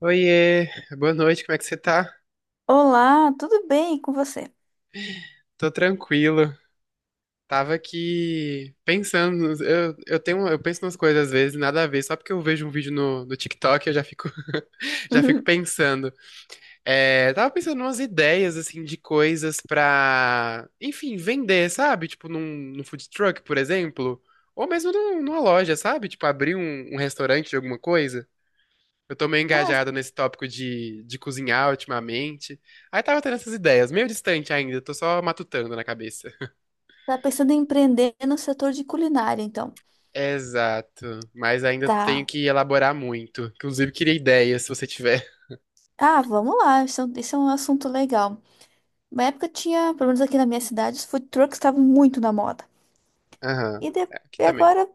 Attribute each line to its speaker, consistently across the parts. Speaker 1: Oiê, boa noite, como é que você tá?
Speaker 2: Olá, tudo bem com você?
Speaker 1: Tô tranquilo. Tava aqui pensando, eu penso nas coisas às vezes, nada a ver, só porque eu vejo um vídeo no TikTok eu já fico, já fico pensando. Tava pensando umas ideias, assim, de coisas pra, enfim, vender, sabe? Tipo num, num food truck, por exemplo, ou mesmo numa loja, sabe? Tipo abrir um restaurante de alguma coisa. Eu tô meio
Speaker 2: Ah,
Speaker 1: engajado nesse tópico de cozinhar ultimamente. Aí tava tendo essas ideias, meio distante ainda, tô só matutando na cabeça.
Speaker 2: tá pensando em empreender no setor de culinária, então.
Speaker 1: Exato, mas ainda tenho
Speaker 2: Tá.
Speaker 1: que elaborar muito. Inclusive, queria ideias, se você tiver.
Speaker 2: Ah, vamos lá, isso, é um assunto legal. Na época tinha, pelo menos aqui na minha cidade, os food trucks estavam muito na moda.
Speaker 1: Aham,
Speaker 2: E, de-
Speaker 1: é, aqui
Speaker 2: e
Speaker 1: também,
Speaker 2: agora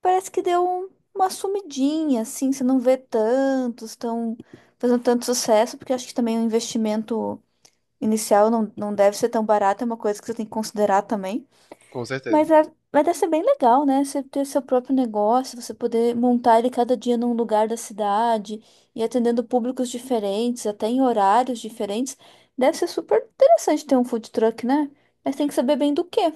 Speaker 2: parece que deu uma sumidinha, assim, você não vê tantos, estão fazendo tanto sucesso, porque acho que também o investimento inicial não deve ser tão barato, é uma coisa que você tem que considerar também.
Speaker 1: com certeza.
Speaker 2: Mas, é, mas deve ser bem legal, né? Você ter seu próprio negócio, você poder montar ele cada dia num lugar da cidade e atendendo públicos diferentes, até em horários diferentes. Deve ser super interessante ter um food truck, né? Mas tem que saber bem do quê?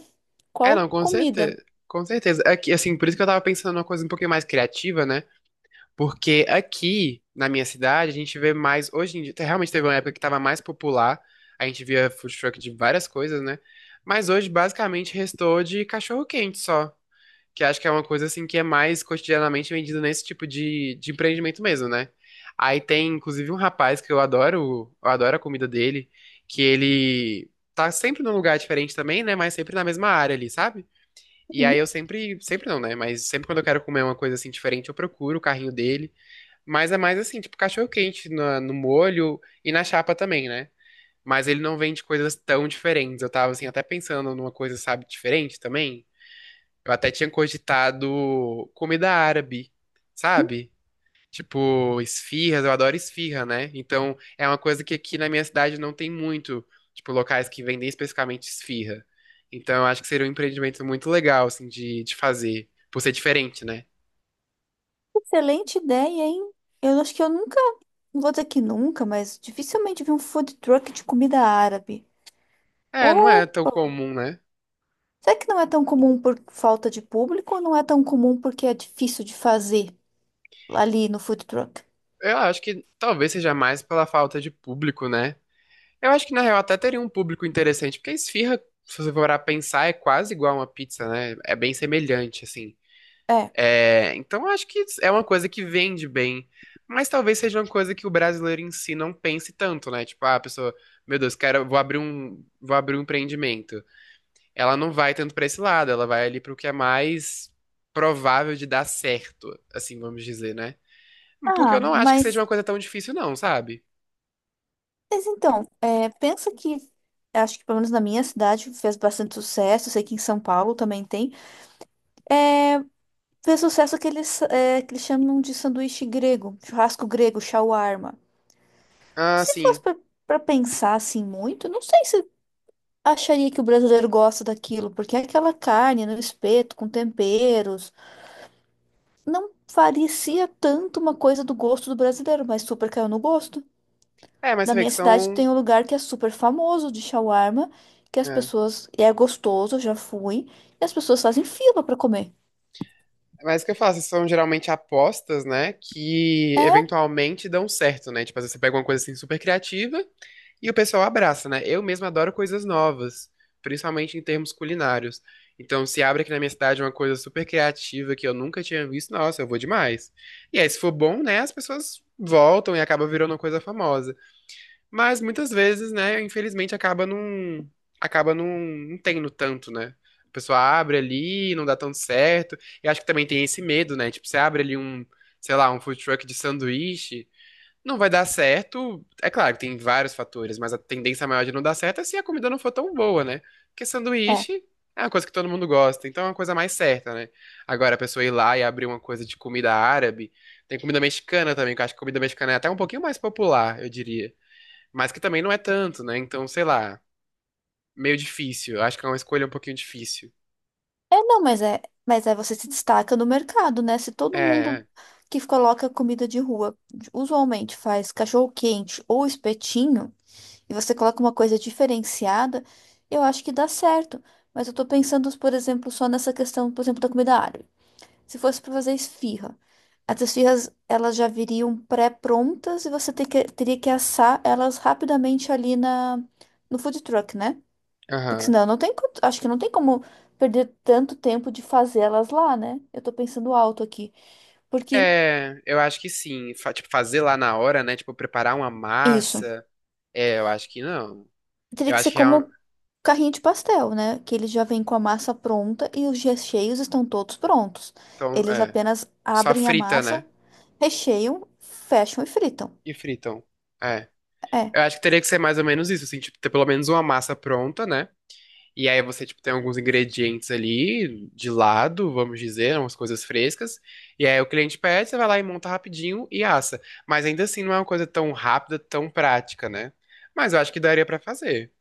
Speaker 1: É, não,
Speaker 2: Qual
Speaker 1: com
Speaker 2: comida?
Speaker 1: certeza. Com certeza. É que, assim, por isso que eu tava pensando numa coisa um pouquinho mais criativa, né? Porque aqui, na minha cidade, a gente vê mais. Hoje em dia, realmente teve uma época que estava mais popular. A gente via food truck de várias coisas, né? Mas hoje, basicamente, restou de cachorro-quente só. Que acho que é uma coisa, assim, que é mais cotidianamente vendida nesse tipo de empreendimento mesmo, né? Aí tem, inclusive, um rapaz que eu adoro a comida dele, que ele tá sempre num lugar diferente também, né? Mas sempre na mesma área ali, sabe? E
Speaker 2: Uhum.
Speaker 1: aí eu sempre, sempre não, né? Mas sempre quando eu quero comer uma coisa assim diferente, eu procuro o carrinho dele. Mas é mais assim, tipo cachorro quente no molho e na chapa também, né? Mas ele não vende coisas tão diferentes. Eu tava assim, até pensando numa coisa, sabe, diferente também. Eu até tinha cogitado comida árabe, sabe? Tipo, esfirras, eu adoro esfirra, né? Então, é uma coisa que aqui na minha cidade não tem muito, tipo, locais que vendem especificamente esfirra. Então, eu acho que seria um empreendimento muito legal, assim, de fazer, por ser diferente, né?
Speaker 2: Excelente ideia, hein? Eu acho que eu nunca, não vou dizer que nunca, mas dificilmente vi um food truck de comida árabe.
Speaker 1: É, não é tão
Speaker 2: Opa!
Speaker 1: comum, né?
Speaker 2: Será que não é tão comum por falta de público ou não é tão comum porque é difícil de fazer ali no food truck?
Speaker 1: Eu acho que talvez seja mais pela falta de público, né? Eu acho que na real até teria um público interessante, porque a esfirra, se você for a pensar, é quase igual uma pizza, né? É bem semelhante, assim.
Speaker 2: É.
Speaker 1: É, então eu acho que é uma coisa que vende bem, mas talvez seja uma coisa que o brasileiro em si não pense tanto, né? Tipo, ah, a pessoa, meu Deus, quero, vou abrir um empreendimento. Ela não vai tanto pra esse lado, ela vai ali pro que é mais provável de dar certo, assim, vamos dizer, né? Porque
Speaker 2: Ah,
Speaker 1: eu não acho que seja uma coisa tão difícil, não, sabe?
Speaker 2: mas então, é, pensa que, acho que pelo menos na minha cidade fez bastante sucesso, sei que em São Paulo também tem, fez sucesso aqueles é, que eles chamam de sanduíche grego, churrasco grego, shawarma.
Speaker 1: Ah,
Speaker 2: Se fosse
Speaker 1: sim.
Speaker 2: pra, pra pensar assim muito, não sei se acharia que o brasileiro gosta daquilo, porque aquela carne no espeto, com temperos, não parecia tanto uma coisa do gosto do brasileiro, mas super caiu no gosto.
Speaker 1: É, mas
Speaker 2: Na
Speaker 1: você vê
Speaker 2: minha
Speaker 1: que
Speaker 2: cidade
Speaker 1: são.
Speaker 2: tem um lugar que é super famoso de shawarma, que as
Speaker 1: É.
Speaker 2: pessoas. E é gostoso, eu já fui. E as pessoas fazem fila pra comer.
Speaker 1: Mas o que eu faço? São geralmente apostas, né? Que
Speaker 2: É,
Speaker 1: eventualmente dão certo, né? Tipo, às vezes você pega uma coisa assim super criativa e o pessoal abraça, né? Eu mesmo adoro coisas novas, principalmente em termos culinários. Então, se abre aqui na minha cidade uma coisa super criativa que eu nunca tinha visto, nossa, eu vou demais. E aí, se for bom, né? As pessoas voltam e acaba virando uma coisa famosa. Mas muitas vezes, né, infelizmente acaba não tendo tanto, né? A pessoa abre ali, não dá tanto certo. E acho que também tem esse medo, né? Tipo, você abre ali um, sei lá, um food truck de sanduíche, não vai dar certo. É claro que tem vários fatores, mas a tendência maior de não dar certo é se a comida não for tão boa, né? Porque
Speaker 2: é.
Speaker 1: sanduíche é uma coisa que todo mundo gosta, então é uma coisa mais certa, né? Agora a pessoa ir lá e abrir uma coisa de comida árabe, tem comida mexicana também, que eu acho que comida mexicana é até um pouquinho mais popular, eu diria. Mas que também não é tanto, né? Então, sei lá, meio difícil. Eu acho que é uma escolha um pouquinho difícil.
Speaker 2: É, não, mas é. Mas aí você se destaca no mercado, né? Se todo mundo
Speaker 1: É,
Speaker 2: que coloca comida de rua usualmente faz cachorro-quente ou espetinho, e você coloca uma coisa diferenciada, eu acho que dá certo. Mas eu tô pensando, por exemplo, só nessa questão, por exemplo, da comida árabe. Se fosse para fazer esfirra, as esfirras elas já viriam pré-prontas e teria que assar elas rapidamente ali no food truck, né? Porque
Speaker 1: aham.
Speaker 2: senão não tem, co- acho que não tem como perder tanto tempo de fazer elas lá, né? Eu tô pensando alto aqui, porque
Speaker 1: É, eu acho que sim. Tipo, fazer lá na hora, né? Tipo, preparar uma
Speaker 2: isso
Speaker 1: massa. É, eu acho que não.
Speaker 2: teria
Speaker 1: Eu
Speaker 2: que
Speaker 1: acho
Speaker 2: ser
Speaker 1: que é um,
Speaker 2: como carrinho de pastel, né? Que ele já vem com a massa pronta e os recheios estão todos prontos.
Speaker 1: então,
Speaker 2: Eles
Speaker 1: é,
Speaker 2: apenas
Speaker 1: só
Speaker 2: abrem a
Speaker 1: frita,
Speaker 2: massa,
Speaker 1: né?
Speaker 2: recheiam, fecham e fritam.
Speaker 1: E fritam. É.
Speaker 2: É.
Speaker 1: Eu acho que teria que ser mais ou menos isso, assim, tipo, ter pelo menos uma massa pronta, né? E aí você, tipo, tem alguns ingredientes ali de lado, vamos dizer, umas coisas frescas. E aí o cliente pede, você vai lá e monta rapidinho e assa. Mas ainda assim não é uma coisa tão rápida, tão prática, né? Mas eu acho que daria pra fazer.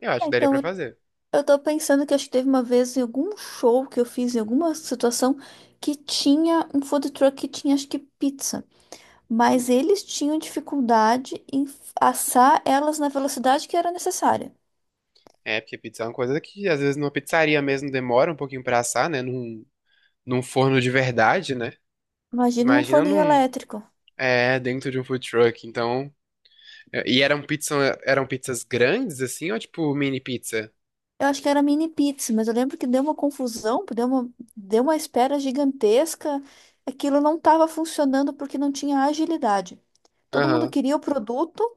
Speaker 1: Eu acho
Speaker 2: É.
Speaker 1: que daria pra
Speaker 2: Então,
Speaker 1: fazer.
Speaker 2: eu tô pensando que acho que teve uma vez em algum show que eu fiz, em alguma situação, que tinha um food truck que tinha, acho que, pizza. Mas
Speaker 1: Hum.
Speaker 2: eles tinham dificuldade em assar elas na velocidade que era necessária.
Speaker 1: É, porque pizza é uma coisa que às vezes numa pizzaria mesmo demora um pouquinho pra assar, né? Num forno de verdade, né?
Speaker 2: Imagina num
Speaker 1: Imagina
Speaker 2: forninho
Speaker 1: num,
Speaker 2: elétrico.
Speaker 1: é, dentro de um food truck. Então, é, e eram pizza, eram pizzas grandes assim ou tipo mini pizza?
Speaker 2: Eu acho que era mini pizza, mas eu lembro que deu uma confusão, deu uma espera gigantesca. Aquilo não estava funcionando porque não tinha agilidade. Todo mundo
Speaker 1: Aham.
Speaker 2: queria o produto,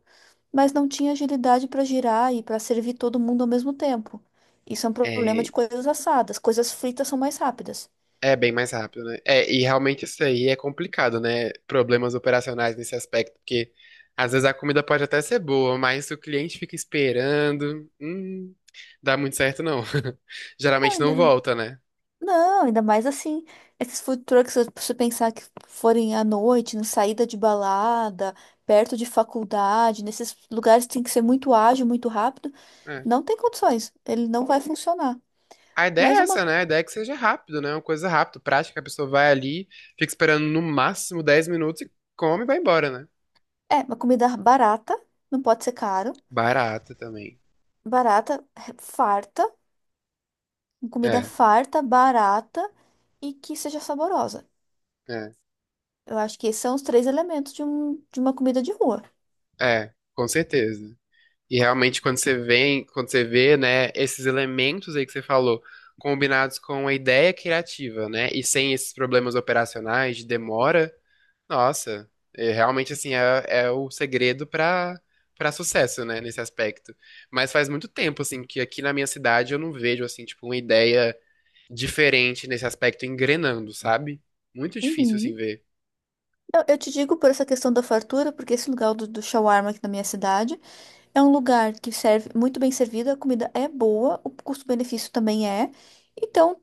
Speaker 2: mas não tinha agilidade para girar e para servir todo mundo ao mesmo tempo. Isso é um problema
Speaker 1: É,
Speaker 2: de coisas assadas. Coisas fritas são mais rápidas.
Speaker 1: é bem mais rápido, né? É, e realmente isso aí é complicado, né? Problemas operacionais nesse aspecto, porque às vezes a comida pode até ser boa, mas se o cliente fica esperando, dá muito certo não.
Speaker 2: Não,
Speaker 1: Geralmente não
Speaker 2: ainda,
Speaker 1: volta, né?
Speaker 2: não, ainda mais assim. Esses food trucks, se você pensar que forem à noite, na saída de balada, perto de faculdade, nesses lugares que tem que ser muito ágil, muito rápido,
Speaker 1: É.
Speaker 2: não tem condições. Ele não vai funcionar.
Speaker 1: A ideia é
Speaker 2: Mas uma,
Speaker 1: essa, né? A ideia é que seja rápido, né? Uma coisa rápida, prática, a pessoa vai ali, fica esperando no máximo 10 minutos e come e vai embora, né?
Speaker 2: uma comida barata, não pode ser caro,
Speaker 1: Barata também.
Speaker 2: barata, farta comida
Speaker 1: É,
Speaker 2: farta, barata e que seja saborosa.
Speaker 1: é,
Speaker 2: Eu acho que esses são os três elementos de uma comida de rua.
Speaker 1: é, com certeza. E realmente, quando você vem, quando você vê, né, esses elementos aí que você falou, combinados com a ideia criativa, né, e sem esses problemas operacionais de demora, nossa, é, realmente, assim, é, é o segredo para para sucesso, né, nesse aspecto. Mas faz muito tempo, assim, que aqui na minha cidade eu não vejo, assim, tipo, uma ideia diferente nesse aspecto engrenando, sabe? Muito difícil, assim,
Speaker 2: Uhum.
Speaker 1: ver.
Speaker 2: Eu te digo por essa questão da fartura, porque esse lugar do shawarma aqui na minha cidade é um lugar que serve muito bem servido, a comida é boa, o custo-benefício também é. Então,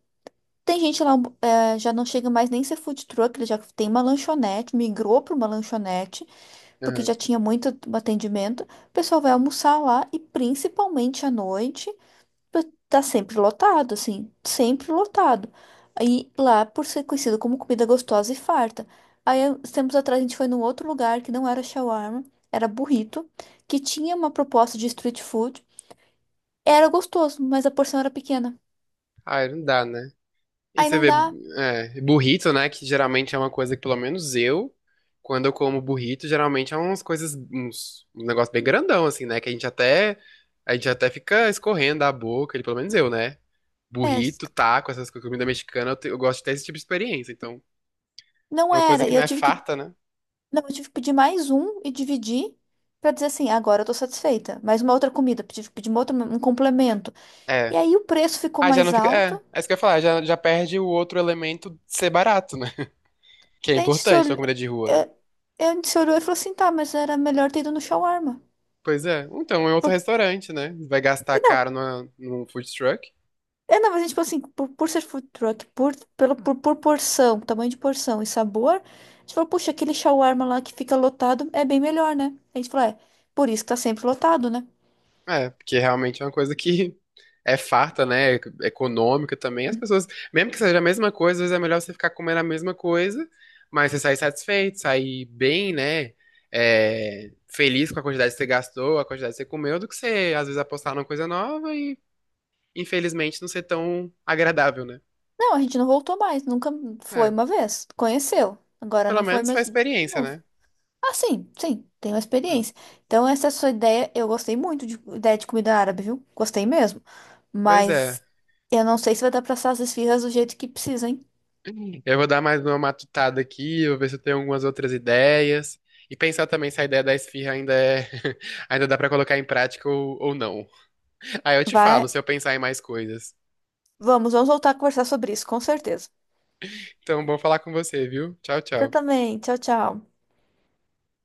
Speaker 2: tem gente lá, já não chega mais nem ser food truck, ele já tem uma lanchonete, migrou para uma lanchonete, porque
Speaker 1: Aham.
Speaker 2: já tinha muito atendimento. O pessoal vai almoçar lá e principalmente à noite. Tá sempre lotado, assim, sempre lotado. Aí lá, por ser conhecido como comida gostosa e farta. Aí, uns tempos atrás, a gente foi num outro lugar que não era shawarma, era burrito, que tinha uma proposta de street food. Era gostoso, mas a porção era pequena.
Speaker 1: Ah, não dá, né? E
Speaker 2: Aí
Speaker 1: você
Speaker 2: não
Speaker 1: vê,
Speaker 2: dá,
Speaker 1: é, burrito, né? Que geralmente é uma coisa que, pelo menos eu, quando eu como burrito, geralmente é umas um negócio bem grandão, assim, né? Que a gente até fica escorrendo a boca, ele, pelo menos eu, né?
Speaker 2: é,
Speaker 1: Burrito, taco, essas coisas, comida mexicana, eu, eu gosto de ter esse tipo de experiência. Então,
Speaker 2: não
Speaker 1: uma coisa
Speaker 2: era.
Speaker 1: que
Speaker 2: E
Speaker 1: não
Speaker 2: eu
Speaker 1: é
Speaker 2: tive que,
Speaker 1: farta, né?
Speaker 2: não, eu tive que pedir mais um e dividir pra dizer assim, agora eu tô satisfeita. Mais uma outra comida, tive que pedir uma outra, um complemento. E
Speaker 1: É.
Speaker 2: aí o preço ficou
Speaker 1: Ah, já não
Speaker 2: mais
Speaker 1: fica. É,
Speaker 2: alto.
Speaker 1: é isso que eu ia falar, já, já perde o outro elemento de ser barato, né? Que é
Speaker 2: Daí a gente se
Speaker 1: importante na
Speaker 2: olhou,
Speaker 1: comida de rua, né?
Speaker 2: eu, a gente se olhou e falou assim, tá, mas era melhor ter ido no shawarma.
Speaker 1: Pois é. Então, é outro
Speaker 2: Porque,
Speaker 1: restaurante, né? Vai gastar
Speaker 2: não,
Speaker 1: caro num food truck.
Speaker 2: é, não, mas a gente falou assim, por ser food truck, por porção, tamanho de porção e sabor, a gente falou, puxa, aquele shawarma lá que fica lotado é bem melhor, né? A gente falou, é, por isso que tá sempre lotado, né?
Speaker 1: É, porque realmente é uma coisa que é farta, né? É econômica também. As
Speaker 2: Uhum.
Speaker 1: pessoas, mesmo que seja a mesma coisa, às vezes é melhor você ficar comendo a mesma coisa, mas você sair satisfeito, sair bem, né? É, feliz com a quantidade que você gastou, a quantidade que você comeu, do que você, às vezes, apostar numa coisa nova e, infelizmente, não ser tão agradável, né?
Speaker 2: Não, a gente não voltou mais, nunca foi
Speaker 1: É,
Speaker 2: uma vez, conheceu. Agora
Speaker 1: pelo
Speaker 2: não foi
Speaker 1: menos foi a
Speaker 2: mais de
Speaker 1: experiência,
Speaker 2: novo.
Speaker 1: né?
Speaker 2: Ah, sim, sim, tenho experiência. Então, essa sua ideia, eu gostei muito de ideia de comida árabe, viu? Gostei mesmo.
Speaker 1: Pois é.
Speaker 2: Mas eu não sei se vai dar pra assar as esfirras do jeito que precisa, hein?
Speaker 1: Eu vou dar mais uma matutada aqui, vou ver se eu tenho algumas outras ideias. E pensar também se a ideia da esfirra ainda é, ainda dá pra colocar em prática ou não. Aí eu te falo
Speaker 2: Vai,
Speaker 1: se eu pensar em mais coisas.
Speaker 2: vamos voltar a conversar sobre isso, com certeza.
Speaker 1: Então, bom falar com você, viu? Tchau,
Speaker 2: Eu
Speaker 1: tchau.
Speaker 2: também. Tchau, tchau.